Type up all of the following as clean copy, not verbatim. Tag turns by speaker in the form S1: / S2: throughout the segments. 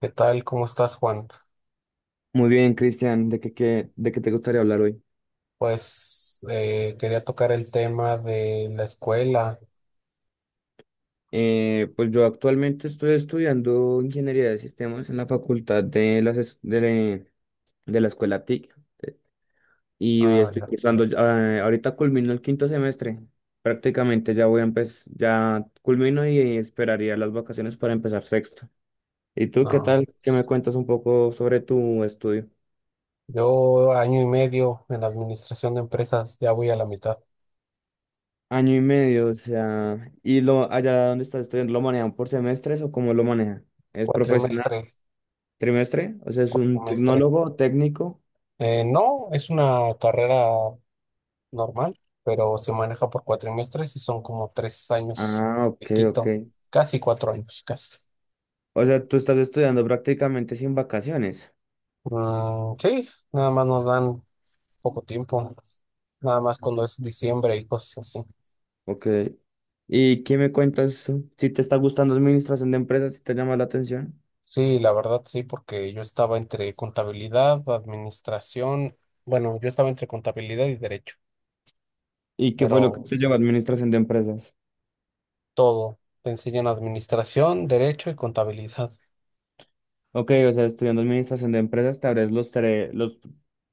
S1: ¿Qué tal? ¿Cómo estás, Juan?
S2: Muy bien, Cristian, ¿de qué, de qué te gustaría hablar hoy?
S1: Pues quería tocar el tema de la escuela.
S2: Pues yo actualmente estoy estudiando ingeniería de sistemas en la facultad de, las, es- de la escuela TIC, y hoy
S1: Ah,
S2: estoy
S1: ya.
S2: cursando, ahorita culmino el quinto semestre, prácticamente ya voy a empezar, ya culmino y esperaría las vacaciones para empezar sexto. ¿Y tú qué
S1: No.
S2: tal? ¿Qué me cuentas un poco sobre tu estudio?
S1: Yo año y medio en la administración de empresas, ya voy a la mitad.
S2: Año y medio, o sea, ¿y lo allá donde estás estudiando lo manejan por semestres o cómo lo manejan? ¿Es profesional?
S1: Cuatrimestre,
S2: ¿Trimestre? O sea, es un
S1: cuatrimestre.
S2: tecnólogo técnico.
S1: No, es una carrera normal, pero se maneja por cuatrimestres y son como 3 años
S2: Ah,
S1: de
S2: ok, ok.
S1: quito, casi 4 años, casi.
S2: O sea, tú estás estudiando prácticamente sin vacaciones.
S1: Mm, sí, nada más nos dan poco tiempo, nada más cuando es diciembre y cosas así.
S2: Ok. ¿Y qué me cuentas? Si te está gustando administración de empresas, si te llama la atención.
S1: Sí, la verdad sí, porque yo estaba entre contabilidad, administración, bueno, yo estaba entre contabilidad y derecho,
S2: ¿Y qué fue lo que
S1: pero
S2: te llevó a administración de empresas?
S1: todo, te enseñan administración, derecho y contabilidad.
S2: Ok, o sea, estudiando administración de empresas, te abres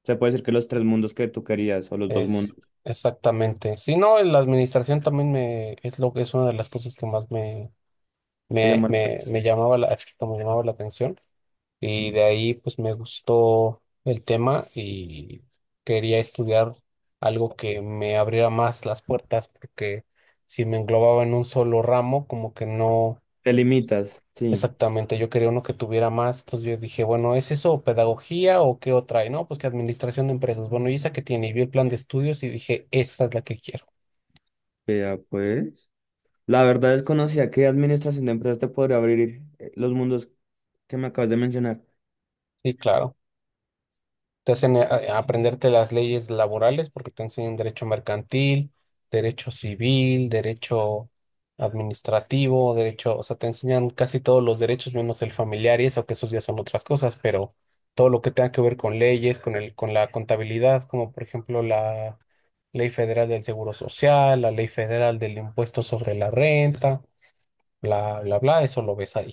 S2: se puede decir que los tres mundos que tú querías, o los dos
S1: Es
S2: mundos.
S1: exactamente. Si no, en la administración también es lo que es una de las cosas que más
S2: Te llama la atención.
S1: que me llamaba la atención. Y de ahí pues me gustó el tema y quería estudiar algo que me abriera más las puertas porque si me englobaba en un solo ramo como que no,
S2: Te limitas, sí.
S1: exactamente yo quería uno que tuviera más. Entonces yo dije, bueno, ¿es eso o pedagogía o qué otra? Y no, pues que administración de empresas. Bueno, ¿y esa que tiene? Y vi el plan de estudios y dije, esa es la que quiero.
S2: Vea, pues. La verdad desconocía que administración de empresas te podría abrir los mundos que me acabas de mencionar.
S1: Sí, claro. Te hacen aprenderte las leyes laborales porque te enseñan derecho mercantil, derecho civil, derecho administrativo, derecho, o sea, te enseñan casi todos los derechos menos el familiar y eso, que esos ya son otras cosas, pero todo lo que tenga que ver con leyes, con el, con la contabilidad, como por ejemplo la Ley Federal del Seguro Social, la Ley Federal del Impuesto sobre la Renta, bla, bla, bla, eso lo ves ahí.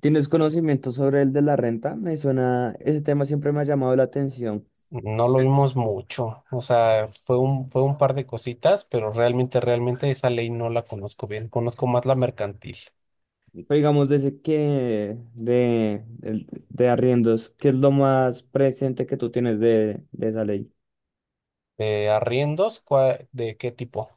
S2: ¿Tienes conocimiento sobre el de la renta? Me suena, ese tema siempre me ha llamado la atención.
S1: No lo
S2: Eh,
S1: vimos mucho, o sea, fue un par de cositas, pero realmente, realmente esa ley no la conozco bien. Conozco más la mercantil.
S2: Pero digamos, desde de arriendos, ¿qué es lo más presente que tú tienes de esa ley?
S1: ¿De arriendos? ¿De qué tipo?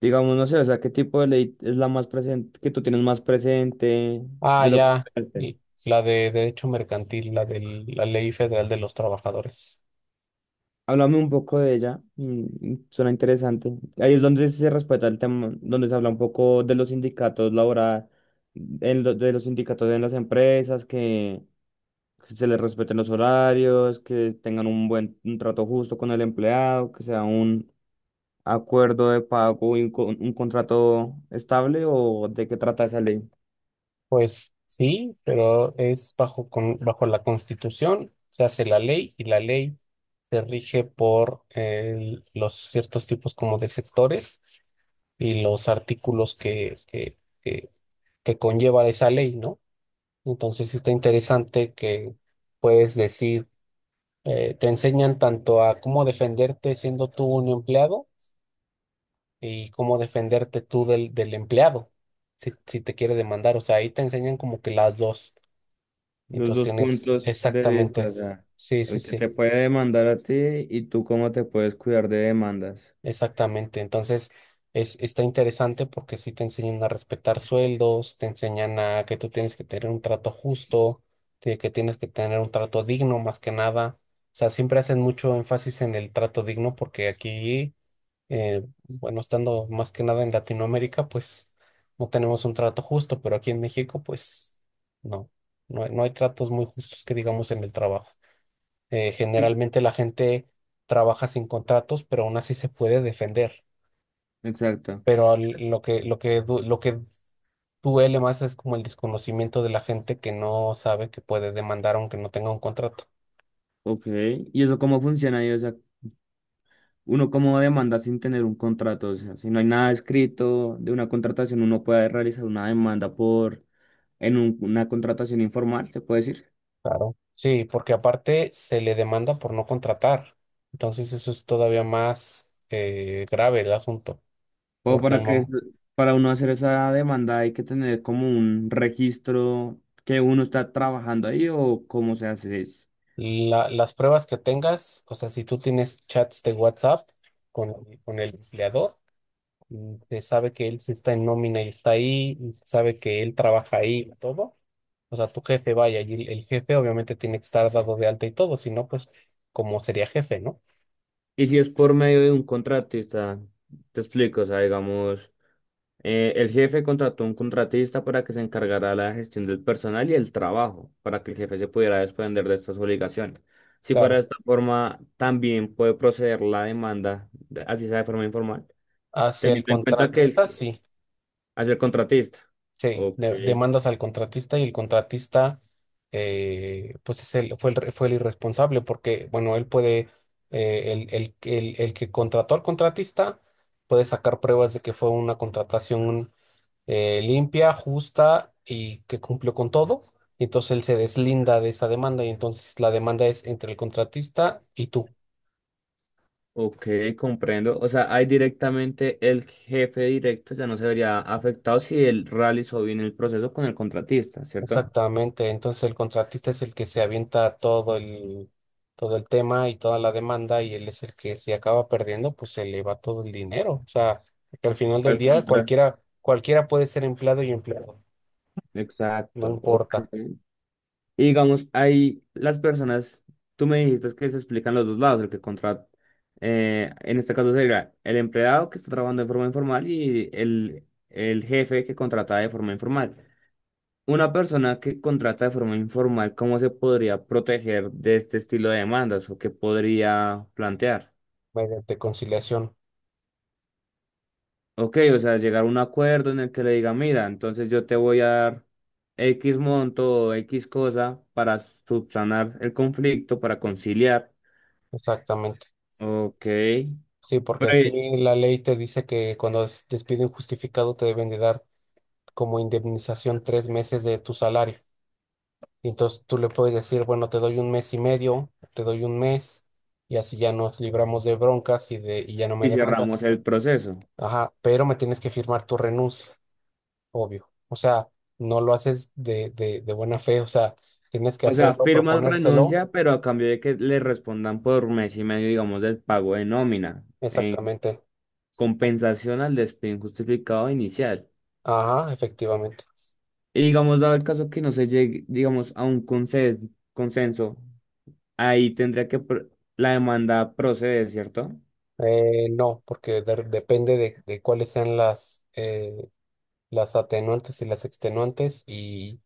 S2: Digamos, no sé, o sea, ¿qué tipo de ley es la más presente, que tú tienes más presente
S1: Ah,
S2: de lo que...
S1: ya,
S2: esperaste?
S1: y la de derecho mercantil, la de la ley federal de los trabajadores.
S2: Háblame un poco de ella, suena interesante. Ahí es donde se respeta el tema, donde se habla un poco de los sindicatos laborales, de los sindicatos en las empresas, que se les respeten los horarios, que tengan un buen un trato justo con el empleado, que sea un acuerdo de pago y un contrato estable, o de qué trata esa ley.
S1: Pues sí, pero es bajo la Constitución, se hace la ley y la ley se rige por los ciertos tipos como de sectores y los artículos que conlleva esa ley, ¿no? Entonces sí está interesante que puedes decir, te enseñan tanto a cómo defenderte siendo tú un empleado y cómo defenderte tú del, del empleado, si, si te quiere demandar. O sea, ahí te enseñan como que las dos.
S2: Los
S1: Entonces
S2: dos
S1: tienes,
S2: puntos de vista,
S1: exactamente.
S2: o sea,
S1: Sí, sí,
S2: el que
S1: sí.
S2: te puede demandar a ti y tú cómo te puedes cuidar de demandas.
S1: Exactamente, entonces es, está interesante porque sí te enseñan a respetar sueldos, te enseñan a que tú tienes que tener un trato justo, de que tienes que tener un trato digno más que nada. O sea, siempre hacen mucho énfasis en el trato digno porque aquí, bueno, estando más que nada en Latinoamérica, pues no tenemos un trato justo, pero aquí en México, pues no, no, no hay tratos muy justos que digamos en el trabajo. Generalmente la gente trabaja sin contratos, pero aún así se puede defender,
S2: Exacto.
S1: pero lo que duele más es como el desconocimiento de la gente que no sabe que puede demandar aunque no tenga un contrato.
S2: Ok, ¿y eso cómo funciona? Ahí, o sea, uno cómo demanda sin tener un contrato, o sea, si no hay nada escrito de una contratación, uno puede realizar una demanda por, en una contratación informal, se puede decir.
S1: Claro. Sí, porque aparte se le demanda por no contratar. Entonces eso es todavía más grave el asunto,
S2: O
S1: porque
S2: para que, para uno hacer esa demanda hay que tener como un registro que uno está trabajando ahí o cómo se hace eso.
S1: las pruebas que tengas, o sea, si tú tienes chats de WhatsApp con, con el empleador, y se sabe que él sí está en nómina y está ahí, y se sabe que él trabaja ahí y todo. O sea, tu jefe, vaya, y el jefe obviamente tiene que estar dado de alta y todo, si no, pues, ¿cómo sería jefe, no?
S2: Y si es por medio de un contratista, te explico, o sea, digamos. El jefe contrató un contratista para que se encargara de la gestión del personal y el trabajo, para que el jefe se pudiera desprender de estas obligaciones. Si fuera de
S1: Claro.
S2: esta forma, también puede proceder la demanda, así sea de forma informal,
S1: Hacia el
S2: teniendo en cuenta que
S1: contratista,
S2: el,
S1: sí.
S2: hacia el contratista.
S1: Sí,
S2: Ok,
S1: demandas al contratista y el contratista, pues, es el, fue, el, re- fue el irresponsable porque, bueno, él puede, el que contrató al contratista puede sacar pruebas de que fue una contratación limpia, justa y que cumplió con todo. Y entonces él se deslinda de esa demanda y entonces la demanda es entre el contratista y tú.
S2: ok, comprendo. O sea, ahí directamente el jefe directo ya no se vería afectado si él realizó bien el proceso con el contratista, ¿cierto?
S1: Exactamente. Entonces el contratista es el que se avienta todo el tema y toda la demanda y él es el que, si acaba perdiendo, pues se le va todo el dinero. O sea, que al final del
S2: Al
S1: día
S2: contra.
S1: cualquiera, cualquiera puede ser empleado y empleado. No
S2: Exacto,
S1: importa,
S2: ok. Y digamos, ahí las personas, tú me dijiste que se explican los dos lados, el que contrata, en este caso sería el empleado que está trabajando de forma informal y el jefe que contrata de forma informal. Una persona que contrata de forma informal, ¿cómo se podría proteger de este estilo de demandas o qué podría plantear?
S1: mediante conciliación.
S2: Ok, o sea, llegar a un acuerdo en el que le diga, mira, entonces yo te voy a dar X monto o X cosa para subsanar el conflicto, para conciliar.
S1: Exactamente.
S2: Ok.
S1: Sí, porque
S2: Pero y,
S1: aquí la ley te dice que cuando es despido injustificado te deben de dar como indemnización 3 meses de tu salario. Y entonces tú le puedes decir, bueno, te doy un mes y medio, te doy un mes, y así ya nos libramos de broncas y de, y ya no me
S2: y cerramos
S1: demandas.
S2: el proceso.
S1: Ajá, pero me tienes que firmar tu renuncia, obvio. O sea, no lo haces de buena fe, o sea, tienes que
S2: O sea,
S1: hacerlo,
S2: firmas
S1: proponérselo.
S2: renuncia, pero a cambio de que le respondan por mes y medio, digamos, del pago de nómina, en
S1: Exactamente.
S2: compensación al despido injustificado inicial.
S1: Ajá, efectivamente.
S2: Y digamos, dado el caso que no se llegue, digamos, a un consenso, ahí tendría que la demanda proceder, ¿cierto?
S1: No, porque depende de cuáles sean las atenuantes y las extenuantes y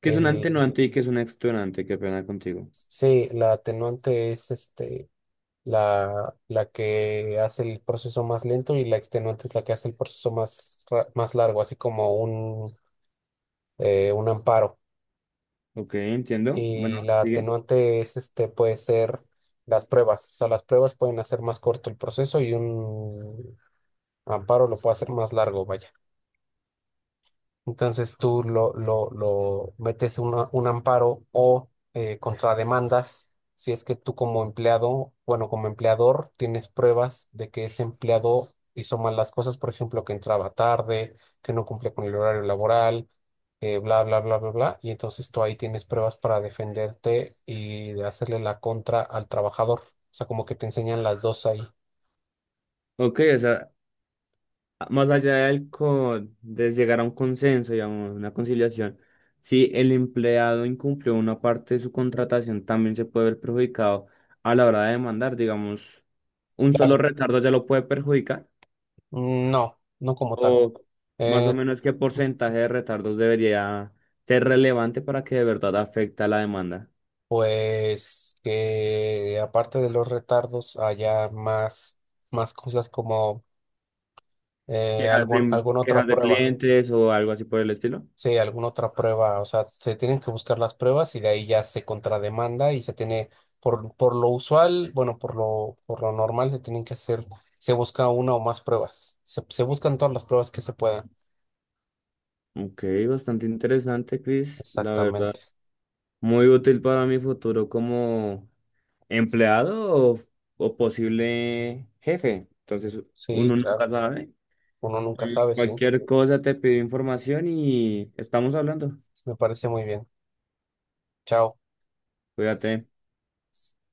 S2: ¿Que es un
S1: el,
S2: antenuante y que es un extenuante? Qué pena contigo.
S1: sí, la atenuante es la que hace el proceso más lento y la extenuante es la que hace el proceso más largo, así como un amparo.
S2: Ok, entiendo. Bueno,
S1: Y la
S2: sigue.
S1: atenuante es puede ser las pruebas, o sea, las pruebas pueden hacer más corto el proceso y un amparo lo puede hacer más largo, vaya. Entonces tú lo metes un amparo o contrademandas si es que tú como empleado, bueno, como empleador tienes pruebas de que ese empleado hizo mal las cosas, por ejemplo, que entraba tarde, que no cumplía con el horario laboral, bla, bla, bla, bla, bla. Y entonces tú ahí tienes pruebas para defenderte y de hacerle la contra al trabajador. O sea, como que te enseñan las dos ahí.
S2: Ok, o sea, más allá de llegar a un consenso, digamos, una conciliación, si el empleado incumplió una parte de su contratación, también se puede ver perjudicado a la hora de demandar, digamos, un solo
S1: Claro.
S2: retardo ya lo puede perjudicar,
S1: No, no como tal.
S2: o más o
S1: Eh,
S2: menos qué porcentaje de retardos debería ser relevante para que de verdad afecte a la demanda.
S1: Pues que aparte de los retardos haya más, más cosas como alguna otra
S2: Quejas de
S1: prueba.
S2: clientes o algo así por el estilo.
S1: Sí, alguna otra prueba. O sea, se tienen que buscar las pruebas y de ahí ya se contrademanda y se tiene, por lo usual, bueno, por lo normal se tienen que hacer, se busca una o más pruebas. Se buscan todas las pruebas que se puedan.
S2: Ok, bastante interesante, Chris, la
S1: Exactamente.
S2: verdad. Muy útil para mi futuro como empleado o posible jefe. Entonces,
S1: Sí,
S2: uno
S1: claro.
S2: nunca sabe.
S1: Uno nunca
S2: Y
S1: sabe, sí.
S2: cualquier cosa te pido información y estamos hablando.
S1: Me parece muy bien. Chao.
S2: Cuídate.